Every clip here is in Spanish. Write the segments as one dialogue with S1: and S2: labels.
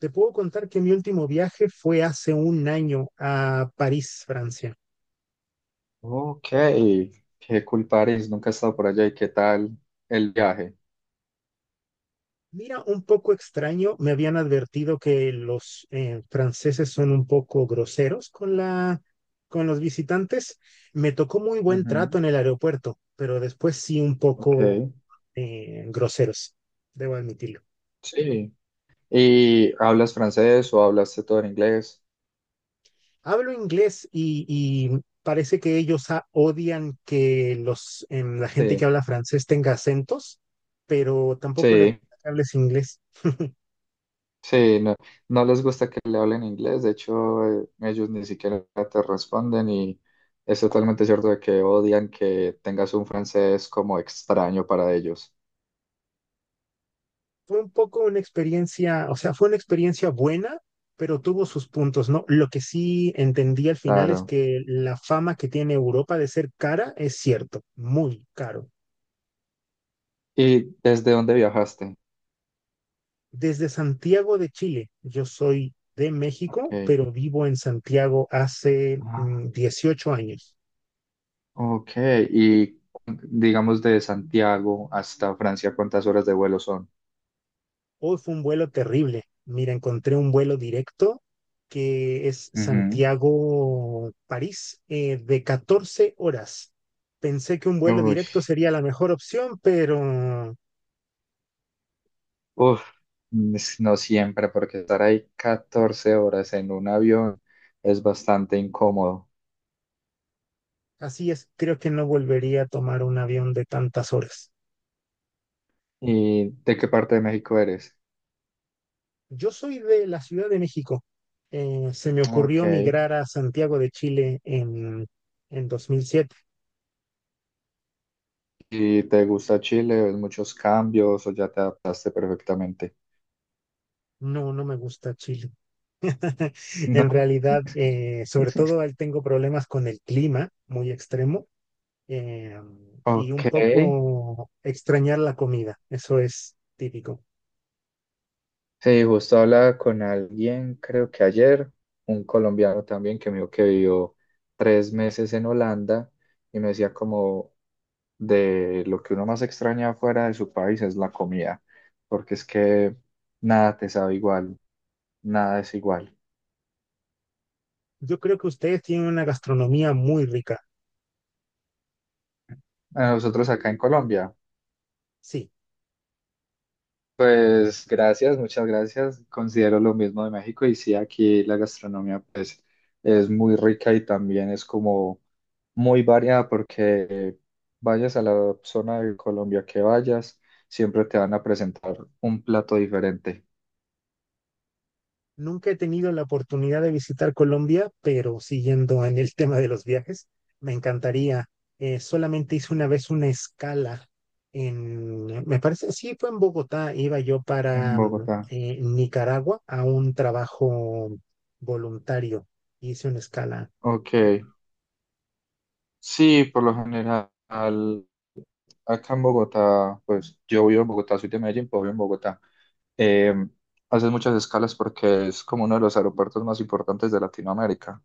S1: Te puedo contar que mi último viaje fue hace un año a París, Francia.
S2: Ok, qué cool París, nunca he estado por allá y qué tal el viaje.
S1: Mira, un poco extraño, me habían advertido que los franceses son un poco groseros con con los visitantes. Me tocó muy buen trato
S2: Ujú,
S1: en el aeropuerto, pero después sí un
S2: ok,
S1: poco groseros, debo admitirlo.
S2: sí. ¿Y hablas francés o hablaste todo en inglés?
S1: Hablo inglés y parece que ellos odian que la gente que
S2: Sí,
S1: habla francés tenga acentos, pero tampoco les
S2: sí,
S1: gusta que hables inglés.
S2: sí, no, no les gusta que le hablen inglés, de hecho ellos ni siquiera te responden y es totalmente cierto de que odian que tengas un francés como extraño para ellos.
S1: Fue un poco una experiencia, o sea, fue una experiencia buena, pero tuvo sus puntos, ¿no? Lo que sí entendí al final es
S2: Claro.
S1: que la fama que tiene Europa de ser cara es cierto, muy caro.
S2: ¿Y desde dónde viajaste?
S1: Desde Santiago de Chile, yo soy de México,
S2: Ok.
S1: pero vivo en Santiago hace 18 años.
S2: Ok, y digamos de Santiago hasta Francia, ¿cuántas horas de vuelo son?
S1: Hoy fue un vuelo terrible. Mira, encontré un vuelo directo que es
S2: Ujú.
S1: Santiago-París de 14 horas. Pensé que un vuelo
S2: Uy,
S1: directo sería la mejor opción, pero
S2: uf, no siempre, porque estar ahí 14 horas en un avión es bastante incómodo.
S1: así es, creo que no volvería a tomar un avión de tantas horas.
S2: ¿Y de qué parte de México eres?
S1: Yo soy de la Ciudad de México. Se me ocurrió
S2: Ok.
S1: migrar a Santiago de Chile en 2007.
S2: ¿Y te gusta Chile? ¿Ves muchos cambios o ya te adaptaste perfectamente?
S1: No, no me gusta Chile. En
S2: No.
S1: realidad, sobre todo él tengo problemas con el clima muy extremo eh, y un
S2: Ok.
S1: poco extrañar la comida. Eso es típico.
S2: Sí, justo hablaba con alguien, creo que ayer, un colombiano también que me dijo que vivió 3 meses en Holanda y me decía como de lo que uno más extraña fuera de su país es la comida, porque es que nada te sabe igual, nada es igual.
S1: Yo creo que ustedes tienen una gastronomía muy rica.
S2: A nosotros acá en Colombia
S1: Sí.
S2: pues gracias, muchas gracias. Considero lo mismo de México y sí, aquí la gastronomía pues es muy rica y también es como muy variada porque vayas a la zona de Colombia que vayas, siempre te van a presentar un plato diferente
S1: Nunca he tenido la oportunidad de visitar Colombia, pero siguiendo en el tema de los viajes, me encantaría. Solamente hice una vez una escala en, me parece, sí, fue en Bogotá. Iba yo
S2: en
S1: para
S2: Bogotá.
S1: Nicaragua a un trabajo voluntario. Hice una escala.
S2: Ok, sí, por lo general acá en Bogotá, pues yo vivo en Bogotá, soy de Medellín, pero vivo en Bogotá. Eh, haces muchas escalas porque es como uno de los aeropuertos más importantes de Latinoamérica.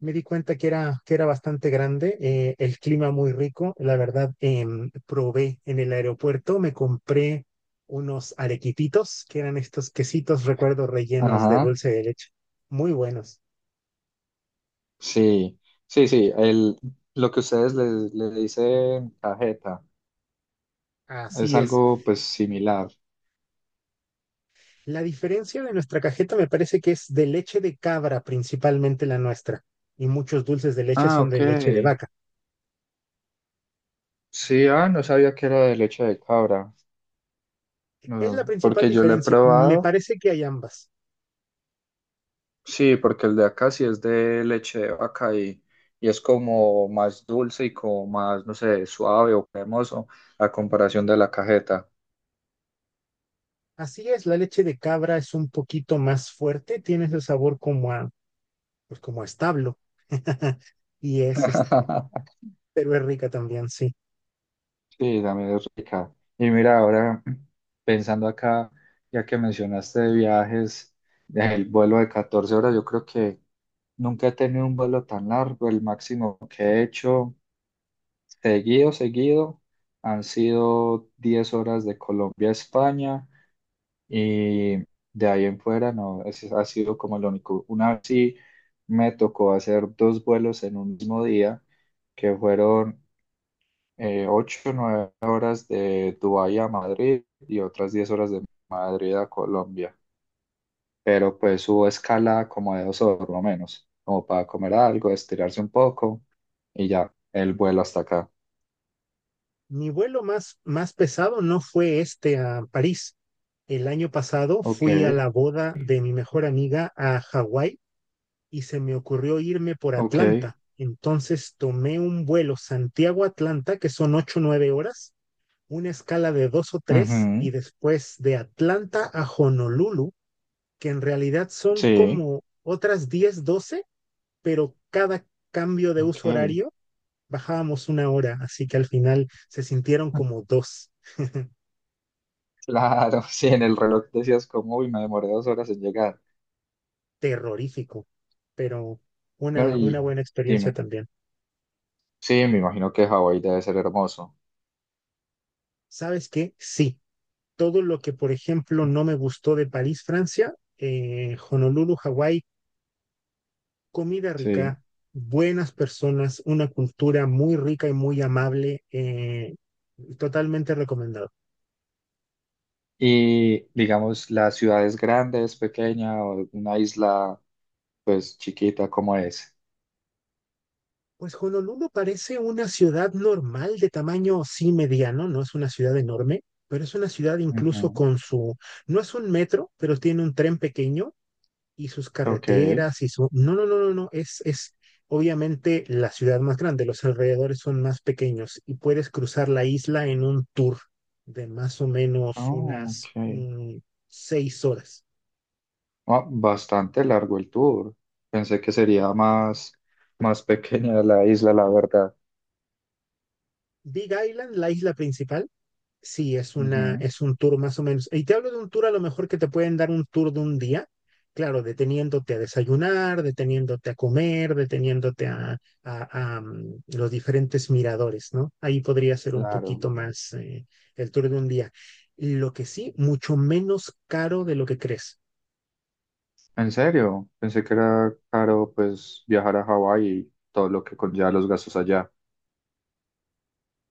S1: Me di cuenta que que era bastante grande, el clima muy rico. La verdad, probé en el aeropuerto, me compré unos arequipitos, que eran estos quesitos, recuerdo, rellenos de
S2: Ajá,
S1: dulce de leche. Muy buenos.
S2: sí, sí, sí, lo que ustedes le dicen cajeta es
S1: Así es.
S2: algo pues similar.
S1: La diferencia de nuestra cajeta me parece que es de leche de cabra, principalmente la nuestra. Y muchos dulces de leche
S2: Ah,
S1: son de
S2: ok.
S1: leche de vaca.
S2: Sí, ah, no sabía que era de leche de cabra,
S1: Es la
S2: no,
S1: principal
S2: porque yo lo he
S1: diferencia. Me
S2: probado.
S1: parece que hay ambas.
S2: Sí, porque el de acá sí es de leche de vaca y es como más dulce y como más, no sé, suave o cremoso a comparación de la cajeta.
S1: Así es, la leche de cabra es un poquito más fuerte, tiene ese sabor como a pues como establo. Y es este, pero es rica también, sí.
S2: Sí, también es rica. Y mira, ahora pensando acá, ya que mencionaste de viajes, el vuelo de 14 horas, yo creo que nunca he tenido un vuelo tan largo. El máximo que he hecho seguido, seguido, han sido 10 horas de Colombia a España. Y de ahí en fuera, no, ese ha sido como lo único. Una vez sí me tocó hacer dos vuelos en un mismo día, que fueron 8 o 9 horas de Dubái a Madrid y otras 10 horas de Madrid a Colombia. Pero pues hubo escala como de 2 horas o menos, como para comer algo, estirarse un poco y ya, el vuelo hasta acá.
S1: Mi vuelo más pesado no fue este a París. El año pasado
S2: Ok,
S1: fui a la boda de mi mejor amiga a Hawái y se me ocurrió irme por
S2: ok.
S1: Atlanta. Entonces tomé un vuelo Santiago-Atlanta, que son ocho o 9 horas, una escala de 2 o 3,
S2: Ujú,
S1: y después de Atlanta a Honolulu, que en realidad son
S2: sí,
S1: como otras 10 12, pero cada cambio de uso
S2: ok.
S1: horario bajábamos una hora, así que al final se sintieron como dos.
S2: Claro, sí, en el reloj decías como, uy, me demoré 2 horas en llegar.
S1: Terrorífico, pero
S2: No,
S1: una
S2: y
S1: buena experiencia
S2: dime,
S1: también.
S2: sí, me imagino que Hawái debe ser hermoso.
S1: ¿Sabes qué? Sí, todo lo que, por ejemplo, no me gustó de París, Francia, Honolulu, Hawái, comida
S2: Sí.
S1: rica, buenas personas, una cultura muy rica y muy amable, totalmente recomendado.
S2: Y digamos, la ciudad es grande, es pequeña o una isla, pues chiquita como es.
S1: Pues Honolulu parece una ciudad normal de tamaño sí mediano, no es una ciudad enorme, pero es una ciudad incluso
S2: Ujú.
S1: con su, no es un metro, pero tiene un tren pequeño y sus
S2: Ok.
S1: carreteras y su, no, no, no, no, no, es obviamente la ciudad más grande, los alrededores son más pequeños y puedes cruzar la isla en un tour de más o menos
S2: Oh,
S1: unas
S2: ok.
S1: 6 horas.
S2: Ah, bastante largo el tour. Pensé que sería más, más pequeña la isla, la verdad.
S1: Big Island, la isla principal. Sí, es una,
S2: Ujú.
S1: es un tour más o menos. Y te hablo de un tour a lo mejor que te pueden dar un tour de un día, claro, deteniéndote a desayunar, deteniéndote a comer, deteniéndote a los diferentes miradores, ¿no? Ahí podría ser un
S2: Claro.
S1: poquito más el tour de un día. Lo que sí, mucho menos caro de lo que crees.
S2: ¿En serio? Pensé que era caro, pues, viajar a Hawái y todo lo que conlleva los gastos allá.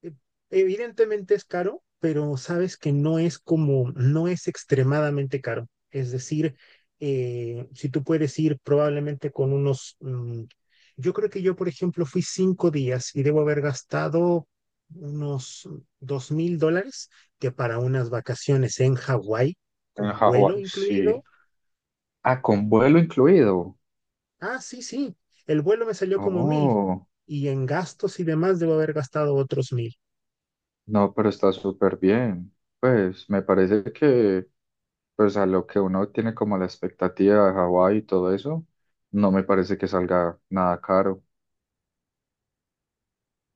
S1: e- Evidentemente es caro, pero sabes que no es como, no es extremadamente caro. Es decir, si tú puedes ir probablemente con unos, yo creo que yo, por ejemplo, fui 5 días y debo haber gastado unos $2000, que para unas vacaciones en Hawái,
S2: En
S1: con vuelo
S2: Hawái, sí.
S1: incluido.
S2: Ah, con vuelo incluido.
S1: Ah, sí, sí, el vuelo me salió como 1000
S2: Oh,
S1: y en gastos y demás debo haber gastado otros 1000.
S2: no, pero está súper bien. Pues, me parece que, pues, a lo que uno tiene como la expectativa de Hawái y todo eso, no me parece que salga nada caro,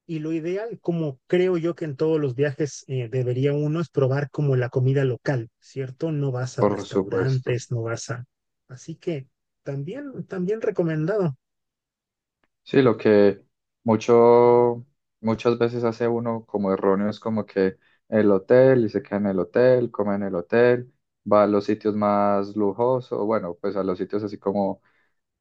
S1: Y lo ideal, como creo yo que en todos los viajes debería uno, es probar como la comida local, ¿cierto? No vas a
S2: por supuesto.
S1: restaurantes, no vas a... Así que también, también recomendado,
S2: Sí, lo que mucho, muchas veces hace uno como erróneo es como que el hotel y se queda en el hotel, come en el hotel, va a los sitios más lujosos, bueno, pues a los sitios así como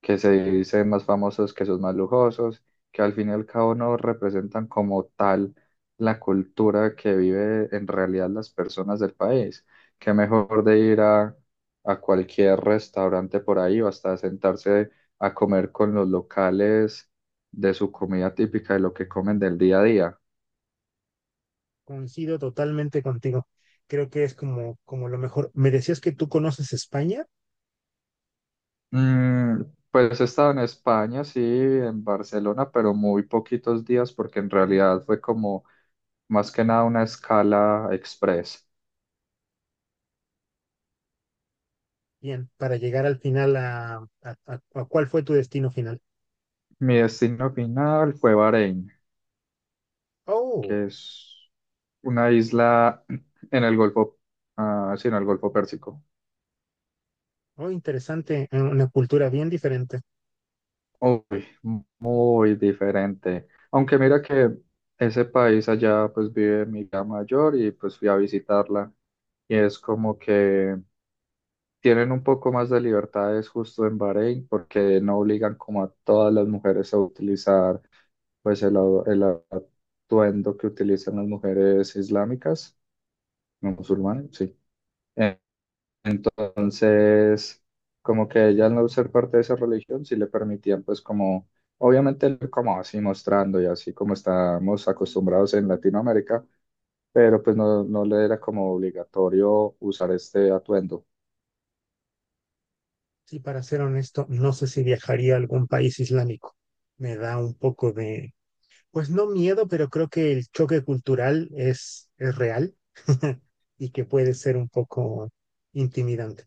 S2: que se dice más famosos que sus más lujosos, que al fin y al cabo no representan como tal la cultura que vive en realidad las personas del país. Qué mejor de ir a cualquier restaurante por ahí o hasta sentarse a comer con los locales de su comida típica, de lo que comen del día a día.
S1: coincido totalmente contigo. Creo que es como, como lo mejor. Me decías que tú conoces España,
S2: Mm, pues he estado en España, sí, en Barcelona, pero muy poquitos días porque en realidad fue como más que nada una escala express.
S1: bien, para llegar al final a, a cuál fue tu destino final.
S2: Mi destino final fue Bahrein,
S1: Oh,
S2: que es una isla en el Golfo, ah, sí, en el Golfo Pérsico.
S1: oh, interesante, una cultura bien diferente.
S2: Uy, muy diferente. Aunque mira que ese país allá pues vive mi hija mayor y pues fui a visitarla. Y es como que tienen un poco más de libertades justo en Bahrein porque no obligan como a todas las mujeres a utilizar pues el atuendo que utilizan las mujeres islámicas musulmanes, sí. Eh, Entonces, como que ella al no ser parte de esa religión, sí le permitían, pues como, obviamente como así mostrando y así como estamos acostumbrados en Latinoamérica, pero pues no, no le era como obligatorio usar este atuendo.
S1: Sí, para ser honesto, no sé si viajaría a algún país islámico. Me da un poco de, pues no miedo, pero creo que el choque cultural es real y que puede ser un poco intimidante.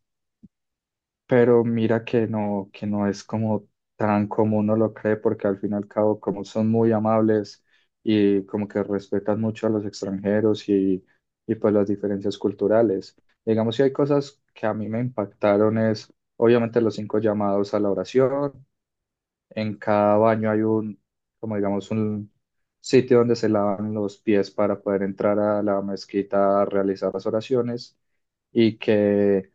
S2: Pero mira que no es como tan como uno lo cree, porque al fin y al cabo, como son muy amables y como que respetan mucho a los extranjeros y pues las diferencias culturales. Digamos, si hay cosas que a mí me impactaron es, obviamente, los cinco llamados a la oración. En cada baño hay como digamos, un sitio donde se lavan los pies para poder entrar a la mezquita a realizar las oraciones y que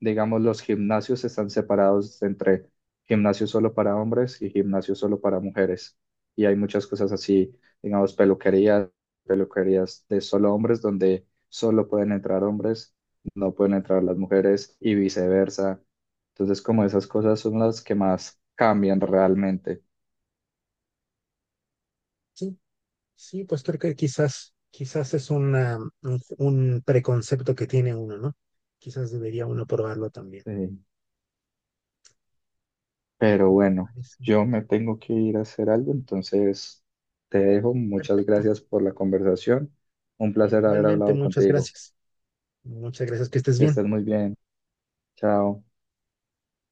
S2: digamos, los gimnasios están separados entre gimnasio solo para hombres y gimnasio solo para mujeres. Y hay muchas cosas así, digamos, peluquerías, peluquerías de solo hombres, donde solo pueden entrar hombres, no pueden entrar las mujeres y viceversa. Entonces, como esas cosas son las que más cambian realmente.
S1: Sí, sí, pues creo que quizás, quizás es una, un preconcepto que tiene uno, ¿no? Quizás debería uno probarlo también.
S2: Sí. Pero
S1: Me
S2: bueno,
S1: parece.
S2: yo me tengo que ir a hacer algo, entonces te dejo. Muchas
S1: Perfecto.
S2: gracias por la conversación. Un placer haber
S1: Igualmente,
S2: hablado
S1: muchas
S2: contigo.
S1: gracias. Muchas gracias, que estés
S2: Que
S1: bien.
S2: estés muy bien. Chao.